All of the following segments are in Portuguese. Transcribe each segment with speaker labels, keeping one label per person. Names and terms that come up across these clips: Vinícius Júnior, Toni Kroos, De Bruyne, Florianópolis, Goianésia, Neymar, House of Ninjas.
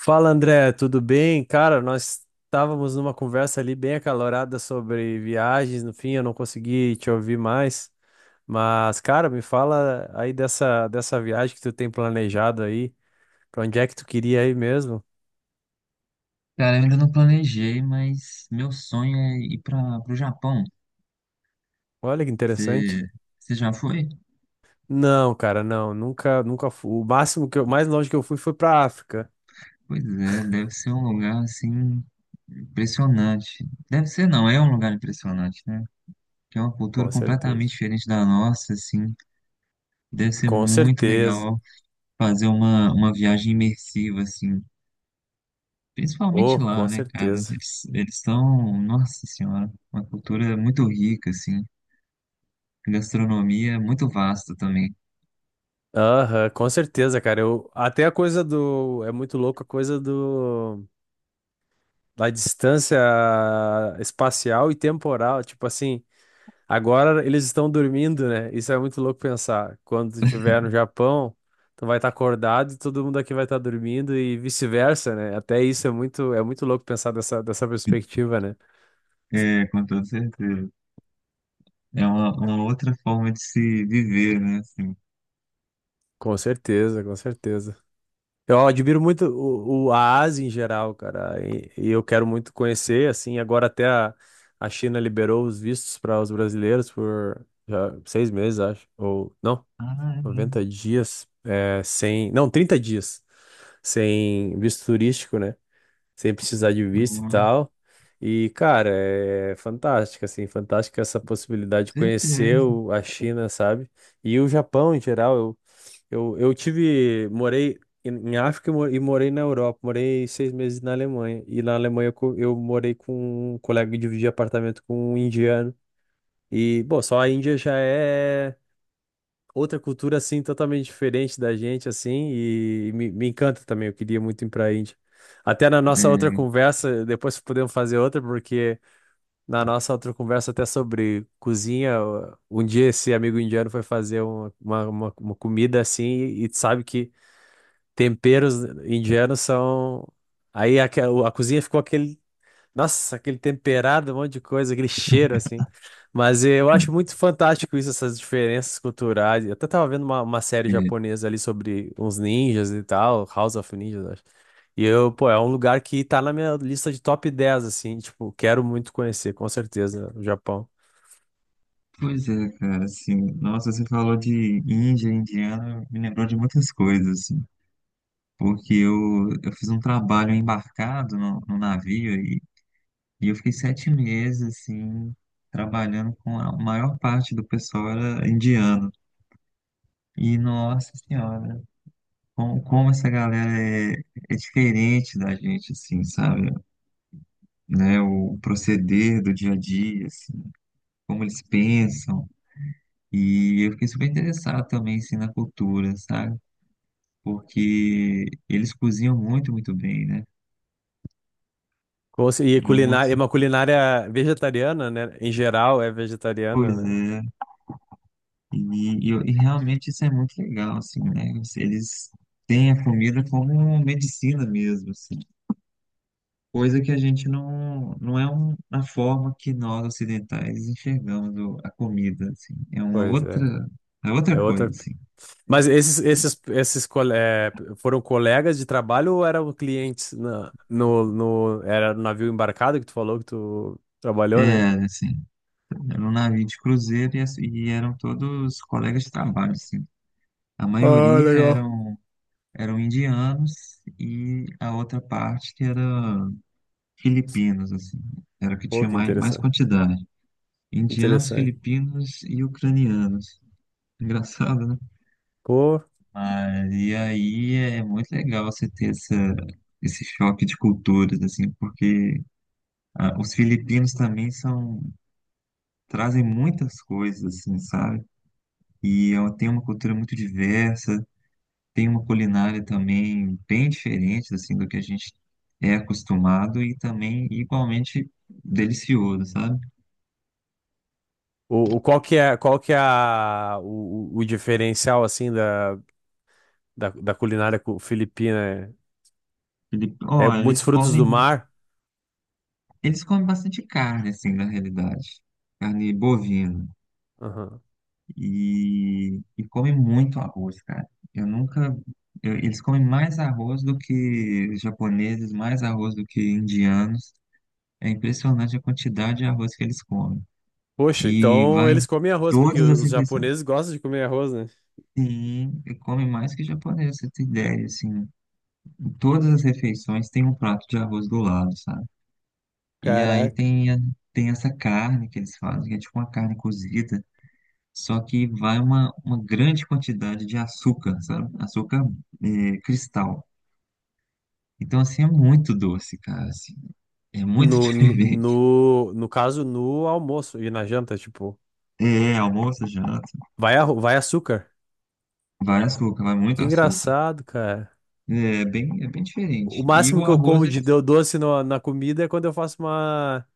Speaker 1: Fala André, tudo bem? Cara, nós estávamos numa conversa ali bem acalorada sobre viagens, no fim eu não consegui te ouvir mais, mas cara, me fala aí dessa viagem que tu tem planejado aí, pra onde é que tu queria ir mesmo?
Speaker 2: Cara, eu ainda não planejei, mas meu sonho é ir para o Japão.
Speaker 1: Olha que interessante.
Speaker 2: Você você já foi?
Speaker 1: Não, cara, não, nunca, nunca fui. O máximo que eu, mais longe que eu fui foi pra África,
Speaker 2: Pois é, deve ser um lugar assim impressionante. Deve ser, não, é um lugar impressionante, né? Que é uma
Speaker 1: com
Speaker 2: cultura completamente
Speaker 1: certeza.
Speaker 2: diferente da nossa, assim. Deve ser
Speaker 1: Com
Speaker 2: muito
Speaker 1: certeza.
Speaker 2: legal fazer uma viagem imersiva, assim. Principalmente
Speaker 1: Oh, com
Speaker 2: lá, né, cara?
Speaker 1: certeza.
Speaker 2: Eles são, nossa senhora, uma cultura muito rica, assim. Gastronomia muito vasta também.
Speaker 1: Aham, com certeza, cara. Eu, até a coisa do. É muito louco a coisa do. Da distância espacial e temporal, tipo assim, agora eles estão dormindo, né? Isso é muito louco pensar. Quando tu estiver no Japão, tu vai estar acordado e todo mundo aqui vai estar dormindo e vice-versa, né? Até isso é é muito louco pensar dessa perspectiva, né?
Speaker 2: É, com toda certeza. É uma outra forma de se viver, né? Assim.
Speaker 1: Com certeza, com certeza. Eu admiro muito a Ásia em geral, cara, e eu quero muito conhecer, assim, agora até a China liberou os vistos para os brasileiros por já, 6 meses, acho, ou não?
Speaker 2: Ah, é.
Speaker 1: 90 dias é, sem. Não, 30 dias sem visto turístico, né? Sem precisar de visto e
Speaker 2: Nossa,
Speaker 1: tal. E, cara, é fantástica, assim, fantástica essa possibilidade
Speaker 2: com
Speaker 1: de conhecer
Speaker 2: certeza.
Speaker 1: a China, sabe? E o Japão em geral. Eu tive. Morei em África e morei na Europa. Morei 6 meses na Alemanha. E na Alemanha eu morei com um colega e dividi apartamento com um indiano. E, bom, só a Índia já é outra cultura assim totalmente diferente da gente assim e me encanta também. Eu queria muito ir para a Índia. Até na nossa outra
Speaker 2: É,
Speaker 1: conversa, depois podemos fazer outra porque na nossa outra conversa até sobre cozinha, um dia esse amigo indiano foi fazer uma comida assim e, sabe que temperos indianos são. Aí a cozinha ficou aquele, nossa, aquele temperado, um monte de coisa, aquele cheiro assim. Mas eu acho muito fantástico isso, essas diferenças culturais. Eu até tava vendo uma série
Speaker 2: é.
Speaker 1: japonesa ali sobre uns ninjas e tal, House of Ninjas, acho. E eu, pô, é um lugar que tá na minha lista de top 10 assim, tipo, quero muito conhecer, com certeza, o Japão.
Speaker 2: Pois é, cara, assim, nossa, você falou de Índia, indiana, me lembrou de muitas coisas, assim, porque eu fiz um trabalho embarcado no navio e eu fiquei 7 meses, assim, trabalhando com a maior parte do pessoal era indiano. E, nossa senhora, como essa galera é diferente da gente, assim, sabe? Né, o proceder do dia a dia, assim, como eles pensam. E eu fiquei super interessado também, assim, na cultura, sabe? Porque eles cozinham muito, muito bem, né?
Speaker 1: E
Speaker 2: É um
Speaker 1: culinária, é
Speaker 2: outro.
Speaker 1: uma culinária vegetariana, né? Em geral é vegetariana,
Speaker 2: Pois
Speaker 1: né?
Speaker 2: é. E realmente isso é muito legal, assim, né? Eles têm a comida como medicina mesmo, assim. Coisa que a gente não. Não é um, uma forma que nós ocidentais enxergamos o- a comida, assim. É uma
Speaker 1: Pois
Speaker 2: outra.
Speaker 1: é.
Speaker 2: É
Speaker 1: É
Speaker 2: outra coisa,
Speaker 1: outra.
Speaker 2: assim.
Speaker 1: Mas foram colegas de trabalho ou eram clientes na, no, no, era no navio embarcado que tu falou que tu trabalhou, né?
Speaker 2: É, assim. Era um navio de cruzeiro e, as- e eram todos colegas de trabalho, assim. A
Speaker 1: Ah,
Speaker 2: maioria
Speaker 1: legal.
Speaker 2: eram, eram indianos e a outra parte que era filipinos, assim. Era o que
Speaker 1: Pô,
Speaker 2: tinha
Speaker 1: que
Speaker 2: mais,
Speaker 1: interessante.
Speaker 2: quantidade. Indianos,
Speaker 1: Interessante.
Speaker 2: filipinos e ucranianos. Engraçado, né?
Speaker 1: Pô,
Speaker 2: Mas, e aí é muito legal você ter esse choque de culturas, assim, porque ah, os filipinos também são, trazem muitas coisas, assim, sabe? E é uma- tem uma cultura muito diversa, tem uma culinária também bem diferente assim do que a gente é acostumado e também igualmente delicioso, sabe?
Speaker 1: qual que é a, o diferencial, assim, da culinária filipina?
Speaker 2: Ele,
Speaker 1: É, é
Speaker 2: ó,
Speaker 1: muitos
Speaker 2: eles
Speaker 1: frutos do
Speaker 2: comem,
Speaker 1: mar?
Speaker 2: eles comem bastante carne assim na realidade, carne bovina
Speaker 1: Aham.
Speaker 2: e comem muito arroz, cara. Eu nunca eu- Eles comem mais arroz do que japoneses, mais arroz do que indianos. É impressionante a quantidade de arroz que eles comem.
Speaker 1: Poxa,
Speaker 2: E
Speaker 1: então
Speaker 2: vai
Speaker 1: eles
Speaker 2: em
Speaker 1: comem arroz, porque
Speaker 2: todas as
Speaker 1: os
Speaker 2: refeições.
Speaker 1: japoneses gostam de comer arroz, né?
Speaker 2: Sim, e come mais que japonês, você tem ideia, assim, em todas as refeições tem um prato de arroz do lado, sabe? E aí
Speaker 1: Caraca.
Speaker 2: tem, a- tem essa carne que eles fazem, que é tipo uma carne cozida, só que vai uma grande quantidade de açúcar, sabe? Açúcar é, cristal. Então, assim, é muito doce, cara, assim, é muito
Speaker 1: No, no,
Speaker 2: diferente.
Speaker 1: no no caso, no almoço e na janta, tipo,
Speaker 2: É, almoço, janta,
Speaker 1: vai, vai açúcar.
Speaker 2: vai açúcar, vai muito
Speaker 1: Que
Speaker 2: açúcar.
Speaker 1: engraçado, cara.
Speaker 2: É bem
Speaker 1: O
Speaker 2: diferente. E
Speaker 1: máximo
Speaker 2: o
Speaker 1: que eu
Speaker 2: arroz,
Speaker 1: como
Speaker 2: ele,
Speaker 1: de doce na comida é quando eu faço uma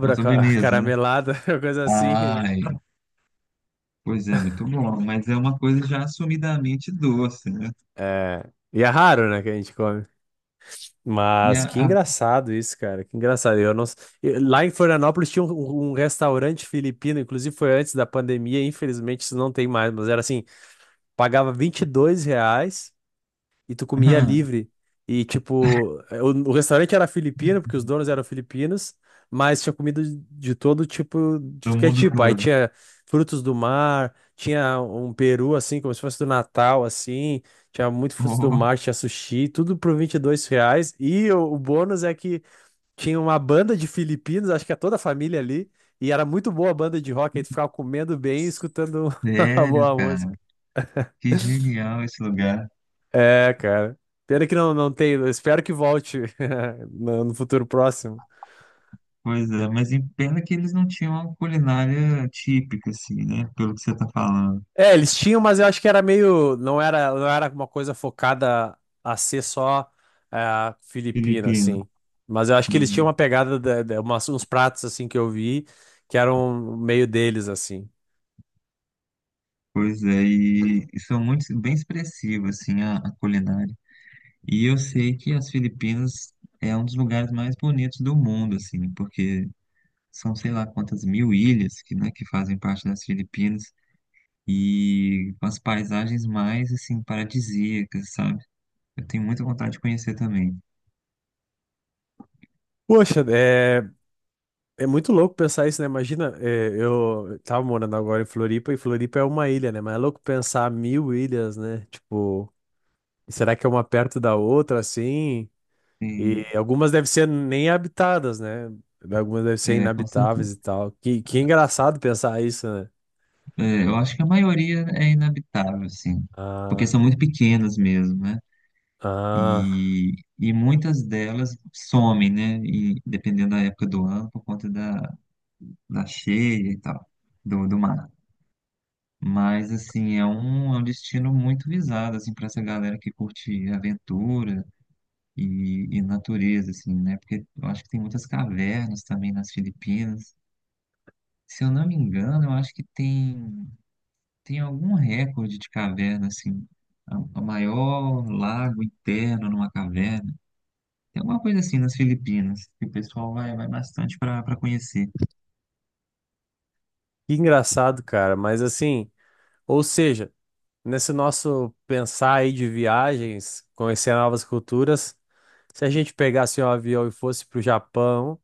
Speaker 2: uma sobremesa, né?
Speaker 1: caramelada, coisa assim, né?
Speaker 2: Ai, pois é, muito bom, mas é uma coisa já assumidamente doce, né?
Speaker 1: É, e é raro, né, que a gente come.
Speaker 2: E
Speaker 1: Mas
Speaker 2: a,
Speaker 1: que
Speaker 2: a-
Speaker 1: engraçado isso, cara. Que engraçado. Eu não... s- eu- Lá em Florianópolis tinha um restaurante filipino, inclusive foi antes da pandemia, infelizmente isso não tem mais, mas era assim, pagava R$ 22 e tu comia livre. E, tipo, o restaurante era filipino, porque os donos eram filipinos, mas tinha comida de todo tipo, de
Speaker 2: do
Speaker 1: que é
Speaker 2: mundo
Speaker 1: tipo. Aí
Speaker 2: todo.
Speaker 1: tinha frutos do mar, tinha um peru, assim, como se fosse do Natal, assim, tinha muito frutos do
Speaker 2: Oh,
Speaker 1: mar, tinha sushi, tudo por R$ 22. E o bônus é que tinha uma banda de filipinos, acho que é toda a família ali, e era muito boa a banda de rock, aí tu ficava comendo bem e escutando a
Speaker 2: sério,
Speaker 1: boa.
Speaker 2: cara, que genial esse lugar.
Speaker 1: É, cara. Pena que não, não tem. Eu Espero que volte no futuro próximo.
Speaker 2: Pois é, mas em pena que eles não tinham uma culinária típica, assim, né? Pelo que você tá falando.
Speaker 1: É, eles tinham, mas eu acho que era meio. Não era uma coisa focada a ser só, é, filipina,
Speaker 2: Filipina.
Speaker 1: assim. Mas eu acho que eles tinham
Speaker 2: Uhum.
Speaker 1: uma pegada, uns pratos, assim, que eu vi, que eram meio deles, assim.
Speaker 2: Pois é, e são muito, bem expressivas, assim, a culinária. E eu sei que as Filipinas é um dos lugares mais bonitos do mundo, assim, porque são sei lá quantas mil ilhas que, né, que fazem parte das Filipinas e com as paisagens mais assim paradisíacas, sabe? Eu tenho muita vontade de conhecer também.
Speaker 1: Poxa, é, é muito louco pensar isso, né? Imagina, é, eu tava morando agora em Floripa, e Floripa é uma ilha, né? Mas é louco pensar 1.000 ilhas, né? Tipo. E será que é uma perto da outra, assim?
Speaker 2: Tem-
Speaker 1: E algumas devem ser nem habitadas, né? Algumas devem ser
Speaker 2: É, com certeza.
Speaker 1: inabitáveis e tal. Que engraçado pensar isso, né?
Speaker 2: É, eu acho que a maioria é inabitável, assim, porque
Speaker 1: Ah,
Speaker 2: são muito pequenas mesmo, né?
Speaker 1: ah,
Speaker 2: E, e, muitas delas somem, né? E dependendo da época do ano, por conta da, da cheia e tal, do, do mar. Mas, assim, é um destino muito visado, assim, para essa galera que curte aventura e natureza, assim, né? Porque eu acho que tem muitas cavernas também nas Filipinas. Se eu não me engano, eu acho que tem algum recorde de caverna, assim, a maior lago interno numa caverna. Tem alguma coisa assim nas Filipinas, que o pessoal vai bastante para conhecer.
Speaker 1: que engraçado, cara. Mas assim, ou seja, nesse nosso pensar aí de viagens, conhecer novas culturas, se a gente pegasse um avião e fosse pro Japão,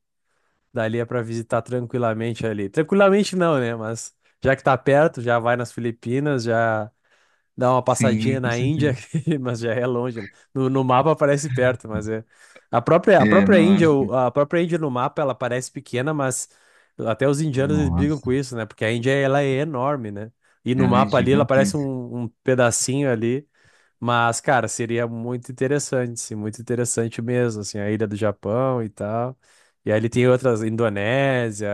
Speaker 1: dali é pra visitar tranquilamente ali. Tranquilamente não, né? Mas já que tá perto, já vai nas Filipinas, já, dar uma
Speaker 2: Sim,
Speaker 1: passadinha
Speaker 2: com
Speaker 1: na
Speaker 2: certeza.
Speaker 1: Índia, mas já é longe, né? No mapa parece perto, mas é. A
Speaker 2: É,
Speaker 1: própria
Speaker 2: não é?
Speaker 1: Índia, a própria Índia no mapa, ela parece pequena, mas até os indianos eles brigam
Speaker 2: Nossa,
Speaker 1: com isso, né? Porque a Índia, ela é enorme, né? E no
Speaker 2: ela é
Speaker 1: mapa ali, ela parece
Speaker 2: gigantesca.
Speaker 1: um pedacinho ali, mas, cara, seria muito interessante, sim, muito interessante mesmo, assim, a ilha do Japão e tal. E aí ele tem outras, Indonésia,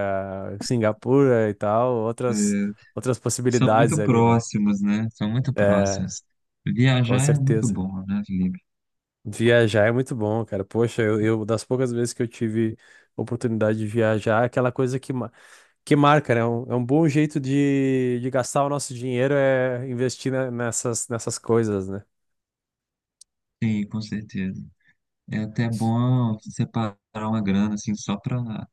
Speaker 1: Singapura e tal, outras
Speaker 2: São
Speaker 1: possibilidades
Speaker 2: muito
Speaker 1: ali, né?
Speaker 2: próximos, né? São muito
Speaker 1: É,
Speaker 2: próximos.
Speaker 1: com
Speaker 2: Viajar é muito
Speaker 1: certeza.
Speaker 2: bom, né, Felipe?
Speaker 1: Viajar é muito bom, cara. Poxa, das poucas vezes que eu tive oportunidade de viajar, aquela coisa que, que marca, né? É um bom jeito de gastar o nosso dinheiro é investir nessas, nessas coisas, né?
Speaker 2: Sim, com certeza. É até bom separar uma grana, assim, só para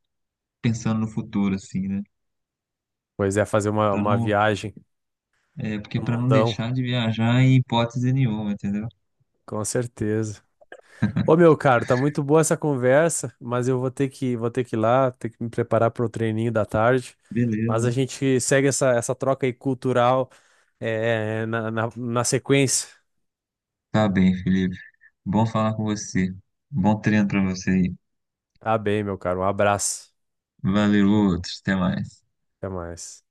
Speaker 2: pensando no futuro, assim, né?
Speaker 1: Pois é, fazer
Speaker 2: Para
Speaker 1: uma
Speaker 2: não,
Speaker 1: viagem
Speaker 2: é, porque
Speaker 1: no
Speaker 2: para não
Speaker 1: mundão,
Speaker 2: deixar de viajar em hipótese nenhuma, entendeu?
Speaker 1: com certeza. Ô, meu caro, tá muito boa essa conversa, mas eu vou ter que ir lá, ter que me preparar para o treininho da tarde. Mas a
Speaker 2: Beleza.
Speaker 1: gente segue essa troca aí cultural, é, na sequência.
Speaker 2: Tá bem, Felipe. Bom falar com você. Bom treino para você aí.
Speaker 1: Tá bem, meu caro. Um abraço.
Speaker 2: Valeu, outros. Até mais.
Speaker 1: Até mais.